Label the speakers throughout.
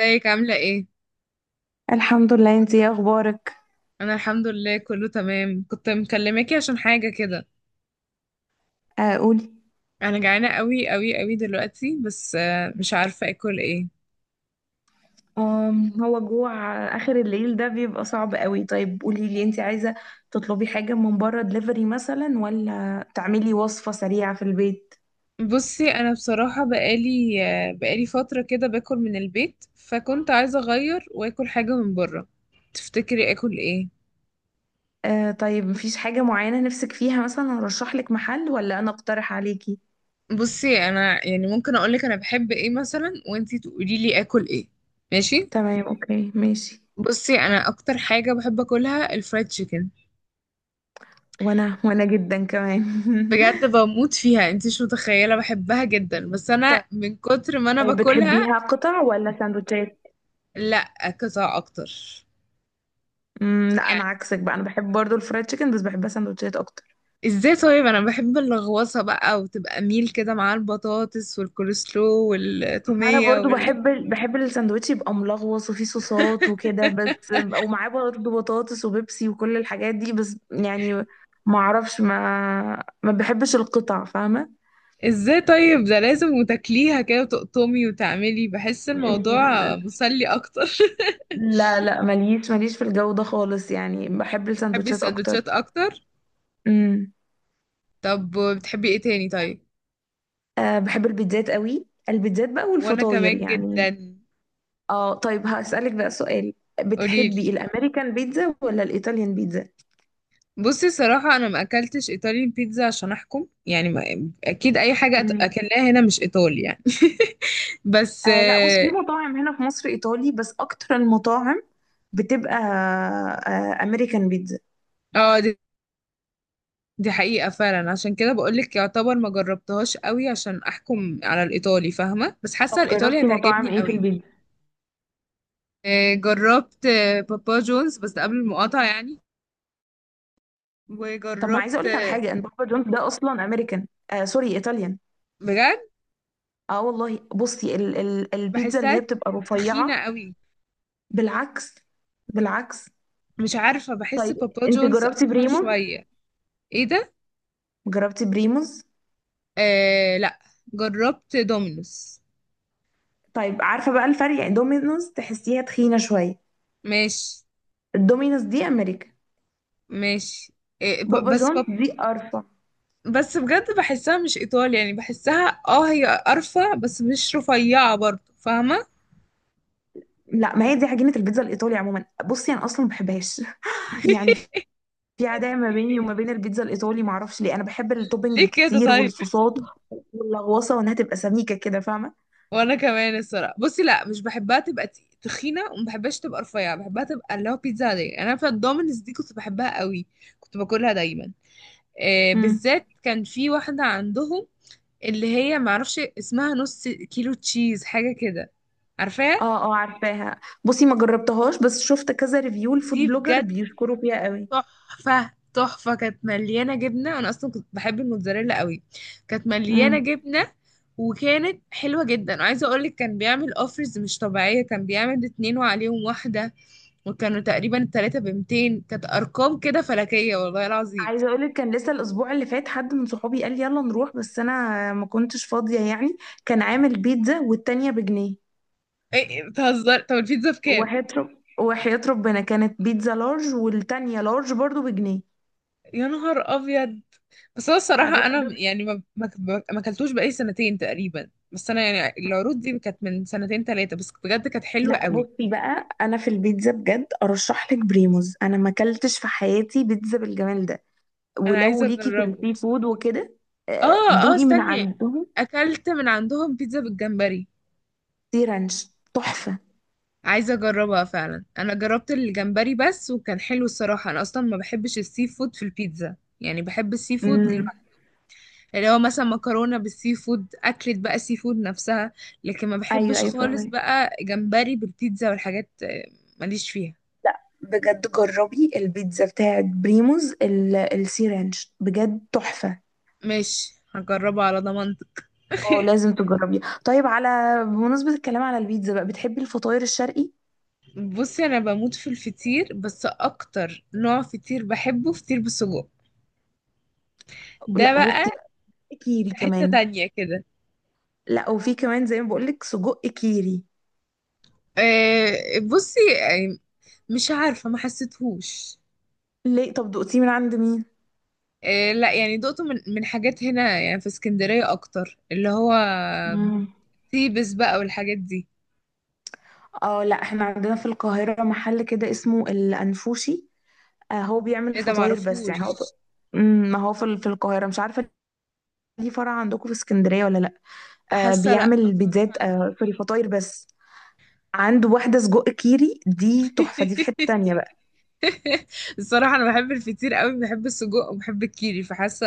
Speaker 1: ازيك عاملة ايه؟
Speaker 2: الحمد لله. انتي ايه اخبارك؟
Speaker 1: انا الحمد لله كله تمام، كنت مكلماكي عشان حاجة كده.
Speaker 2: آه، قولي.
Speaker 1: انا جعانة قوي قوي قوي دلوقتي، بس مش عارفة اكل ايه.
Speaker 2: هو جوع آخر الليل ده بيبقى صعب قوي. طيب قولي لي، انت عايزة تطلبي حاجة من بره دليفري مثلا، ولا تعملي وصفة سريعة في البيت؟
Speaker 1: بصي، انا بصراحة بقالي فترة كده باكل من البيت، فكنت عايزة اغير واكل حاجة من بره. تفتكري اكل ايه؟
Speaker 2: آه طيب، مفيش حاجة معينة نفسك فيها؟ مثلا ارشح لك محل، ولا انا اقترح عليكي؟
Speaker 1: بصي، انا يعني ممكن اقولك انا بحب ايه مثلا وانتي تقولي لي اكل ايه. ماشي؟
Speaker 2: تمام، اوكي، ماشي.
Speaker 1: بصي، انا اكتر حاجة بحب اكلها الفرايد تشيكن.
Speaker 2: وانا جدا كمان.
Speaker 1: بجد بموت فيها، انت مش متخيله، بحبها جدا، بس انا من كتر ما انا
Speaker 2: طيب
Speaker 1: باكلها.
Speaker 2: بتحبيها قطع ولا سندوتشات؟
Speaker 1: لا، قطع اكتر.
Speaker 2: لا انا
Speaker 1: يعني
Speaker 2: عكسك بقى، انا بحب برضو الفرايد تشيكن بس بحبها سندوتشات اكتر.
Speaker 1: ازاي؟ طيب انا بحب اللغوصه بقى، وتبقى ميل كده مع البطاطس والكولسلو
Speaker 2: ما انا
Speaker 1: والتوميه
Speaker 2: برضو بحب الساندوتش يبقى ملغوص وفيه صوصات وكده، بس ومعاه برضو بطاطس وبيبسي وكل الحاجات دي، بس يعني ما اعرفش، ما بحبش القطع، فاهمه؟
Speaker 1: ازاي طيب، ده لازم وتاكليها كده وتقطمي وتعملي، بحس الموضوع
Speaker 2: أمم،
Speaker 1: مسلي اكتر
Speaker 2: لا لا، ماليش ماليش في الجو ده خالص، يعني بحب
Speaker 1: بتحبي
Speaker 2: الساندوتشات اكتر.
Speaker 1: السندوتشات اكتر؟
Speaker 2: امم.
Speaker 1: طب بتحبي ايه تاني طيب؟
Speaker 2: أه، بحب البيتزات قوي، البيتزات بقى
Speaker 1: وانا
Speaker 2: والفطاير
Speaker 1: كمان
Speaker 2: يعني.
Speaker 1: جدا.
Speaker 2: اه طيب، هسألك بقى سؤال:
Speaker 1: قوليلي.
Speaker 2: بتحبي الامريكان بيتزا ولا الايطاليان
Speaker 1: بصي، الصراحة أنا ما أكلتش إيطاليان بيتزا عشان أحكم، يعني ما أكيد أي حاجة
Speaker 2: بيتزا؟
Speaker 1: أكلناها هنا مش إيطالي يعني بس
Speaker 2: آه لا، بص، في
Speaker 1: آه.
Speaker 2: مطاعم هنا في مصر ايطالي، بس اكتر المطاعم بتبقى آه امريكان بيتزا.
Speaker 1: آه، دي حقيقة فعلا، عشان كده بقولك يعتبر ما جربتهاش قوي عشان أحكم على الإيطالي، فاهمة؟ بس حاسة
Speaker 2: طب
Speaker 1: الإيطالي
Speaker 2: جربتي مطاعم
Speaker 1: هتعجبني
Speaker 2: ايه في
Speaker 1: قوي.
Speaker 2: البيتزا؟
Speaker 1: جربت بابا جونز، بس ده قبل المقاطعة يعني.
Speaker 2: طب، ما عايزه
Speaker 1: وجربت
Speaker 2: اقول لك على حاجه، ان بابا جونز ده اصلا امريكان، آه سوري، ايطاليان.
Speaker 1: بجد
Speaker 2: اه والله، بصي، ال ال البيتزا اللي هي
Speaker 1: بحسها
Speaker 2: بتبقى
Speaker 1: تخينة
Speaker 2: رفيعه.
Speaker 1: قوي.
Speaker 2: بالعكس، بالعكس.
Speaker 1: مش عارفة، بحس
Speaker 2: طيب
Speaker 1: بابا
Speaker 2: انت
Speaker 1: جونز
Speaker 2: جربتي
Speaker 1: أتخن
Speaker 2: بريموز؟
Speaker 1: شوية. إيه ده؟
Speaker 2: جربتي بريموز؟
Speaker 1: آه لأ. جربت دومينوس.
Speaker 2: طيب عارفه بقى الفرق، يعني دومينوز تحسيها تخينه شويه.
Speaker 1: ماشي.
Speaker 2: الدومينوز دي امريكا.
Speaker 1: ماشي. إيه
Speaker 2: بابا جونز دي ارفع.
Speaker 1: بس بجد بحسها مش ايطالي يعني، بحسها هي قرفة بس مش رفيعة برضه، فاهمة؟
Speaker 2: لا ما هي دي عجينة البيتزا الإيطالي عموما، بصي أنا أصلا ما بحبهاش. يعني في عداء ما بيني وما بين البيتزا الإيطالي، ما أعرفش ليه، أنا بحب التوبينج
Speaker 1: ليه كده
Speaker 2: الكتير
Speaker 1: طيب؟
Speaker 2: والصوصات واللغوصة وإنها تبقى سميكة كده، فاهمة؟
Speaker 1: وانا كمان الصراحة بصي، لا مش بحبها تبقى تخينة، وما بحبهاش تبقى رفيعة، بحبها تبقى اللي هو بيتزا عادية. انا في الدومينز دي كنت بحبها قوي، كنت باكلها دايما. إيه،
Speaker 2: امم.
Speaker 1: بالذات كان في واحدة عندهم، اللي هي معرفش اسمها، نص كيلو تشيز حاجة كده. عارفاها؟
Speaker 2: اه اه عارفاها، بصي ما جربتهاش بس شفت كذا ريفيو الفود
Speaker 1: دي
Speaker 2: بلوجر
Speaker 1: بجد
Speaker 2: بيشكروا فيها قوي.
Speaker 1: تحفة تحفة، كانت مليانة جبنة. أنا أصلا كنت بحب الموتزاريلا قوي. كانت مليانة
Speaker 2: امم.
Speaker 1: جبنة، وكانت حلوة جدا. وعايزة أقولك، كان بيعمل أوفرز مش طبيعية، كان بيعمل اتنين وعليهم واحدة، وكانوا تقريبا التلاتة ب200، كانت أرقام كده فلكية والله العظيم.
Speaker 2: عايزة أقولك، كان لسه الأسبوع اللي فات حد من صحابي قال لي يلا نروح، بس أنا ما كنتش فاضية يعني. كان عامل بيتزا والتانية بجنيه،
Speaker 1: إيه إيه، بتهزر؟ طب البيتزا بكام؟
Speaker 2: وهيطلب، وحياة ربنا كانت بيتزا لارج والتانية لارج برضو بجنيه.
Speaker 1: يا نهار أبيض. بس هو
Speaker 2: أنا
Speaker 1: الصراحة
Speaker 2: الراجل
Speaker 1: أنا
Speaker 2: ده ب-.
Speaker 1: يعني ما أكلتوش بقالي سنتين تقريبا، بس أنا يعني العروض دي كانت من سنتين تلاتة، بس بجد كانت حلوة
Speaker 2: لا
Speaker 1: قوي.
Speaker 2: بصي بقى، انا في البيتزا بجد ارشح لك بريموز، انا ما اكلتش في حياتي بيتزا بالجمال ده.
Speaker 1: أنا
Speaker 2: ولو
Speaker 1: عايزة
Speaker 2: ليكي في
Speaker 1: أجربه.
Speaker 2: السي فود وكده، آه،
Speaker 1: اه اه،
Speaker 2: دوقي من
Speaker 1: استني.
Speaker 2: عندهم
Speaker 1: اكلت من عندهم بيتزا بالجمبري.
Speaker 2: سي رانش، تحفة.
Speaker 1: عايزه اجربها فعلا. انا جربت الجمبري بس وكان حلو الصراحه، انا اصلا ما بحبش السي فود في البيتزا، يعني بحب السي فود
Speaker 2: امم.
Speaker 1: لوحده. اللي هو مثلا مكرونه بالسي فود، اكلت بقى سي فود نفسها، لكن ما
Speaker 2: ايوه
Speaker 1: بحبش
Speaker 2: ايوه
Speaker 1: خالص
Speaker 2: فاهمك.
Speaker 1: بقى جمبري بالبيتزا والحاجات ماليش فيها.
Speaker 2: بجد جربي البيتزا بتاعت بريموز السي رانش، بجد تحفة.
Speaker 1: ماشي، هجربها على ضمانتك
Speaker 2: اه لازم تجربيها. طيب بمناسبة الكلام على البيتزا بقى، بتحبي الفطاير الشرقي؟
Speaker 1: بصي انا بموت في الفطير، بس اكتر نوع فطير بحبه فطير بالسجق. ده
Speaker 2: لا بصي
Speaker 1: بقى
Speaker 2: بقى، كيري
Speaker 1: حتة
Speaker 2: كمان.
Speaker 1: تانية كده.
Speaker 2: لا وفي كمان زي ما بقولك، سجق كيري.
Speaker 1: آه، بصي يعني مش عارفة، ما حسيتهوش.
Speaker 2: ليه؟ طب دقتيه من عند مين؟
Speaker 1: لا يعني دقته من من حاجات هنا، يعني في اسكندرية أكتر، اللي هو
Speaker 2: مم.
Speaker 1: تيبس بقى والحاجات دي.
Speaker 2: اه لا، احنا عندنا في القاهرة محل كده اسمه الأنفوشي. آه هو بيعمل
Speaker 1: ايه ده؟
Speaker 2: فطاير بس يعني هو.
Speaker 1: معرفوش.
Speaker 2: امم، ما هو في في القاهرة، مش عارفة ليه فرع عندكم في اسكندرية ولا لا. آه
Speaker 1: حاسة لا، ما
Speaker 2: بيعمل
Speaker 1: سمعتش
Speaker 2: بيتزات،
Speaker 1: عنه
Speaker 2: آه في الفطاير بس. عنده واحدة سجق كيري دي تحفة، دي في حتة تانية بقى.
Speaker 1: الصراحة أنا بحب الفطير قوي، بحب السجق وبحب الكيري،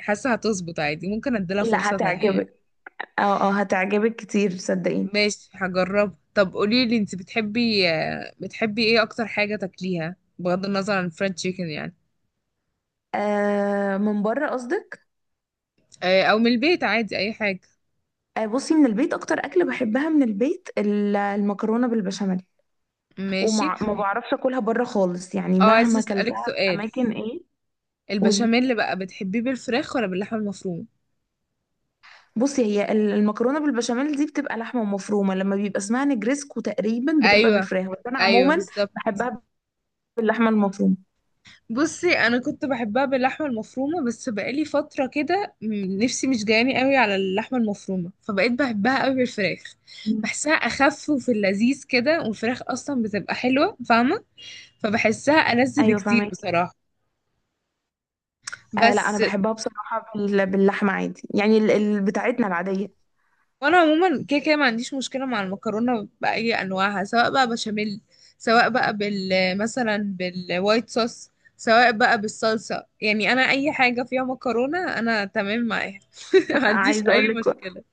Speaker 1: حاسة هتظبط عادي، ممكن اديلها
Speaker 2: لا
Speaker 1: فرصة تانية يعني.
Speaker 2: هتعجبك، اه اه هتعجبك كتير صدقيني.
Speaker 1: ماشي هجرب. طب قولي لي انت، بتحبي بتحبي ايه اكتر حاجة تاكليها بغض النظر عن الفرنش تشيكن يعني؟
Speaker 2: آه من بره قصدك.
Speaker 1: او من البيت، عادي اي حاجة.
Speaker 2: آه، بصي من البيت اكتر اكل بحبها من البيت المكرونه بالبشاميل.
Speaker 1: ماشي.
Speaker 2: وما ما بعرفش اكلها بره خالص يعني،
Speaker 1: اه عايزة
Speaker 2: مهما
Speaker 1: اسألك
Speaker 2: اكلتها في
Speaker 1: سؤال.
Speaker 2: اماكن ايه. قولي.
Speaker 1: البشاميل اللي بقى بتحبيه بالفراخ ولا باللحمة المفرومة؟
Speaker 2: بصي هي المكرونه بالبشاميل دي بتبقى لحمه مفرومه، لما بيبقى اسمها نجريسكو تقريبا بتبقى
Speaker 1: ايوه،
Speaker 2: بالفراخ، بس انا
Speaker 1: ايوه،
Speaker 2: عموما
Speaker 1: بالظبط.
Speaker 2: بحبها باللحمه المفرومه.
Speaker 1: بصي انا كنت بحبها باللحمة المفرومة، بس بقالي فترة كده نفسي مش جاياني قوي على اللحمة المفرومة، فبقيت بحبها قوي بالفراخ.
Speaker 2: مم.
Speaker 1: بحسها اخف وفي اللذيذ كده، والفراخ اصلا بتبقى حلوة، فاهمة؟ فبحسها ألذ
Speaker 2: ايوه
Speaker 1: بكتير
Speaker 2: فاهمك.
Speaker 1: بصراحة.
Speaker 2: آه لا انا
Speaker 1: بس.
Speaker 2: بحبها بصراحه باللحمه عادي يعني، بتاعتنا العاديه.
Speaker 1: وانا عموما كده كده ما عنديش مشكلة مع المكرونة بأي انواعها، سواء بقى بشاميل، سواء بقى مثلا بالوايت صوص، سواء بقى بالصلصة، يعني انا اي حاجة فيها مكرونة انا تمام معاها ما عنديش
Speaker 2: عايزه
Speaker 1: اي
Speaker 2: اقول لك،
Speaker 1: مشكلة.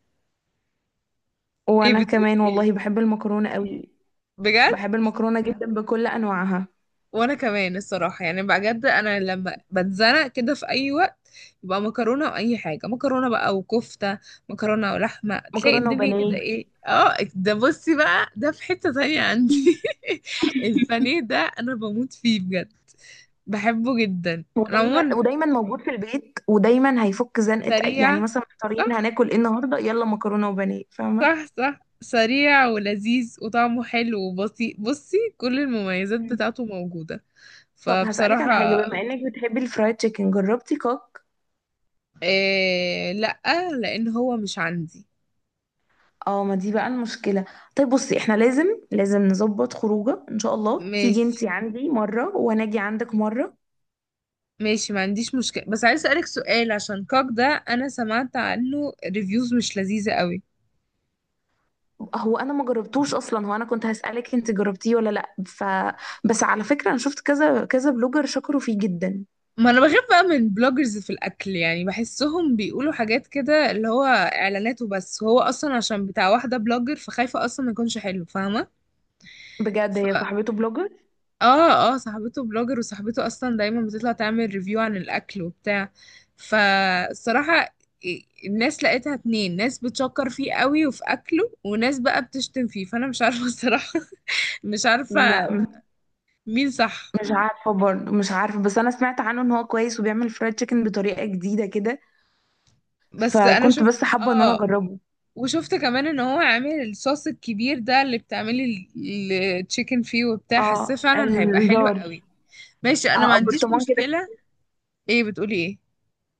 Speaker 1: ايه
Speaker 2: وانا
Speaker 1: بتقولي
Speaker 2: كمان
Speaker 1: ايه؟
Speaker 2: والله بحب المكرونه قوي،
Speaker 1: بجد؟
Speaker 2: بحب المكرونه جدا بكل انواعها.
Speaker 1: وانا كمان الصراحه، يعني بجد انا لما بتزنق كده في اي وقت يبقى مكرونه. واي حاجه مكرونه بقى وكفته، مكرونه ولحمه، تلاقي
Speaker 2: مكرونه
Speaker 1: الدنيا كده
Speaker 2: وبانيه،
Speaker 1: ايه. اه ده بصي بقى، ده في حته تانية عندي البانيه ده انا بموت فيه بجد، بحبه جدا. انا
Speaker 2: ودايما
Speaker 1: عموما
Speaker 2: ودايما موجود في البيت، ودايما هيفك زنقه، يعني
Speaker 1: سريع.
Speaker 2: مثلا محتارين
Speaker 1: صح.
Speaker 2: هناكل ايه النهارده، يلا مكرونه وبانيه، فاهمه؟
Speaker 1: صح، صح، سريع ولذيذ وطعمه حلو وبسيط، بصي كل المميزات
Speaker 2: مم.
Speaker 1: بتاعته موجوده.
Speaker 2: طب هسألك
Speaker 1: فبصراحه.
Speaker 2: على حاجة، بما انك بتحبي الفرايد تشيكن، جربتي كوك؟
Speaker 1: إيه لأ. لأن هو مش عندي.
Speaker 2: اه ما دي بقى المشكلة. طيب بصي، احنا لازم نظبط خروجه، ان شاء الله تيجي
Speaker 1: ماشي.
Speaker 2: انتي عندي مرة وانا اجي عندك مرة.
Speaker 1: ماشي، ما عنديش مشكلة، بس عايز أسألك سؤال عشان كوك ده. أنا سمعت عنه ريفيوز مش لذيذة قوي.
Speaker 2: هو انا ما جربتوش اصلا، هو انا كنت هسألك انت جربتيه ولا لا، بس على فكرة انا شفت كذا كذا بلوجر شكروا فيه جدا.
Speaker 1: ما أنا بخاف بقى من بلوجرز في الأكل، يعني بحسهم بيقولوا حاجات كده اللي هو إعلانات وبس، هو أصلا عشان بتاع واحدة بلوجر فخايفة أصلا ما يكونش حلو، فاهمة؟
Speaker 2: بجد هي صاحبته بلوجر.
Speaker 1: اه، اه، صاحبته بلوجر، وصاحبته اصلا دايما بتطلع تعمل ريفيو عن الاكل وبتاع. فالصراحة الناس لقيتها اتنين، ناس بتشكر فيه قوي وفي اكله، وناس بقى بتشتم فيه، فانا مش عارفة الصراحة مش عارفة
Speaker 2: لا
Speaker 1: مين صح.
Speaker 2: مش عارفة برضه، مش عارفة، بس أنا سمعت عنه إن هو كويس وبيعمل فرايد تشيكن بطريقة جديدة كده،
Speaker 1: بس انا
Speaker 2: فكنت
Speaker 1: شفت.
Speaker 2: بس حابة إن أنا
Speaker 1: اه.
Speaker 2: أجربه.
Speaker 1: وشفت كمان ان هو عامل الصوص الكبير ده اللي بتعملي التشيكن فيه وبتاع، حاساه
Speaker 2: اه
Speaker 1: فعلا هيبقى حلو
Speaker 2: الجار.
Speaker 1: قوي. ماشي انا ما
Speaker 2: اه
Speaker 1: عنديش
Speaker 2: برطمان كده،
Speaker 1: مشكلة. ايه بتقولي ايه؟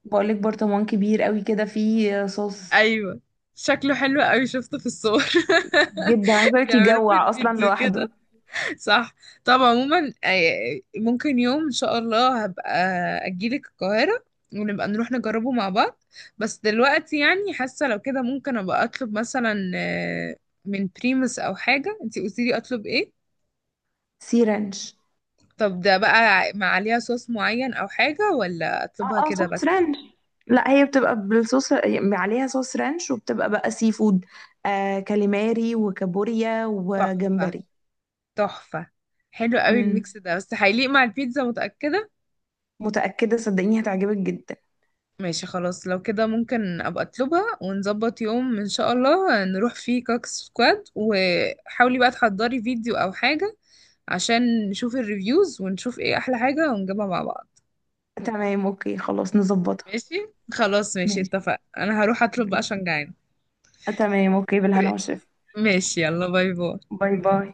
Speaker 2: بقولك برطمان كبير قوي كده فيه صوص،
Speaker 1: ايوه. شكله حلو قوي، شفته في الصور
Speaker 2: جدا عايزة أقولك
Speaker 1: بيعملوا في
Speaker 2: يجوع أصلا
Speaker 1: الفيديو كده.
Speaker 2: لوحده.
Speaker 1: صح. طب عموما، ممكن يوم ان شاء الله هبقى اجيلك القاهرة، ونبقى نروح نجربه مع بعض. بس دلوقتي يعني حاسة لو كده ممكن ابقى اطلب مثلا من بريمس او حاجة، انتي قلتيلي اطلب ايه؟
Speaker 2: سي رانش.
Speaker 1: طب ده بقى مع عليها صوص معين او حاجة، ولا اطلبها
Speaker 2: اه اه
Speaker 1: كده
Speaker 2: صوص
Speaker 1: بس؟
Speaker 2: رانش، لا هي بتبقى بالصوص يعني، عليها صوص رانش وبتبقى بقى سي فود، آه كاليماري وكابوريا
Speaker 1: تحفة،
Speaker 2: وجمبري.
Speaker 1: تحفة. حلو قوي
Speaker 2: مم.
Speaker 1: الميكس ده، بس هيليق مع البيتزا، متأكدة؟
Speaker 2: متأكدة، صدقيني هتعجبك جدا.
Speaker 1: ماشي، خلاص، لو كده ممكن ابقى اطلبها، ونظبط يوم ان شاء الله نروح فيه كاك سكواد، وحاولي بقى تحضري فيديو او حاجة عشان نشوف الريفيوز ونشوف ايه احلى حاجة ونجيبها مع بعض.
Speaker 2: تمام، اوكي، خلاص، نظبطها.
Speaker 1: ماشي. خلاص، ماشي،
Speaker 2: ماشي،
Speaker 1: اتفق. انا هروح اطلب بقى
Speaker 2: ماشي.
Speaker 1: عشان جعانة.
Speaker 2: تمام، اوكي، بالهنا والشفا.
Speaker 1: ماشي، يلا باي باي.
Speaker 2: باي باي.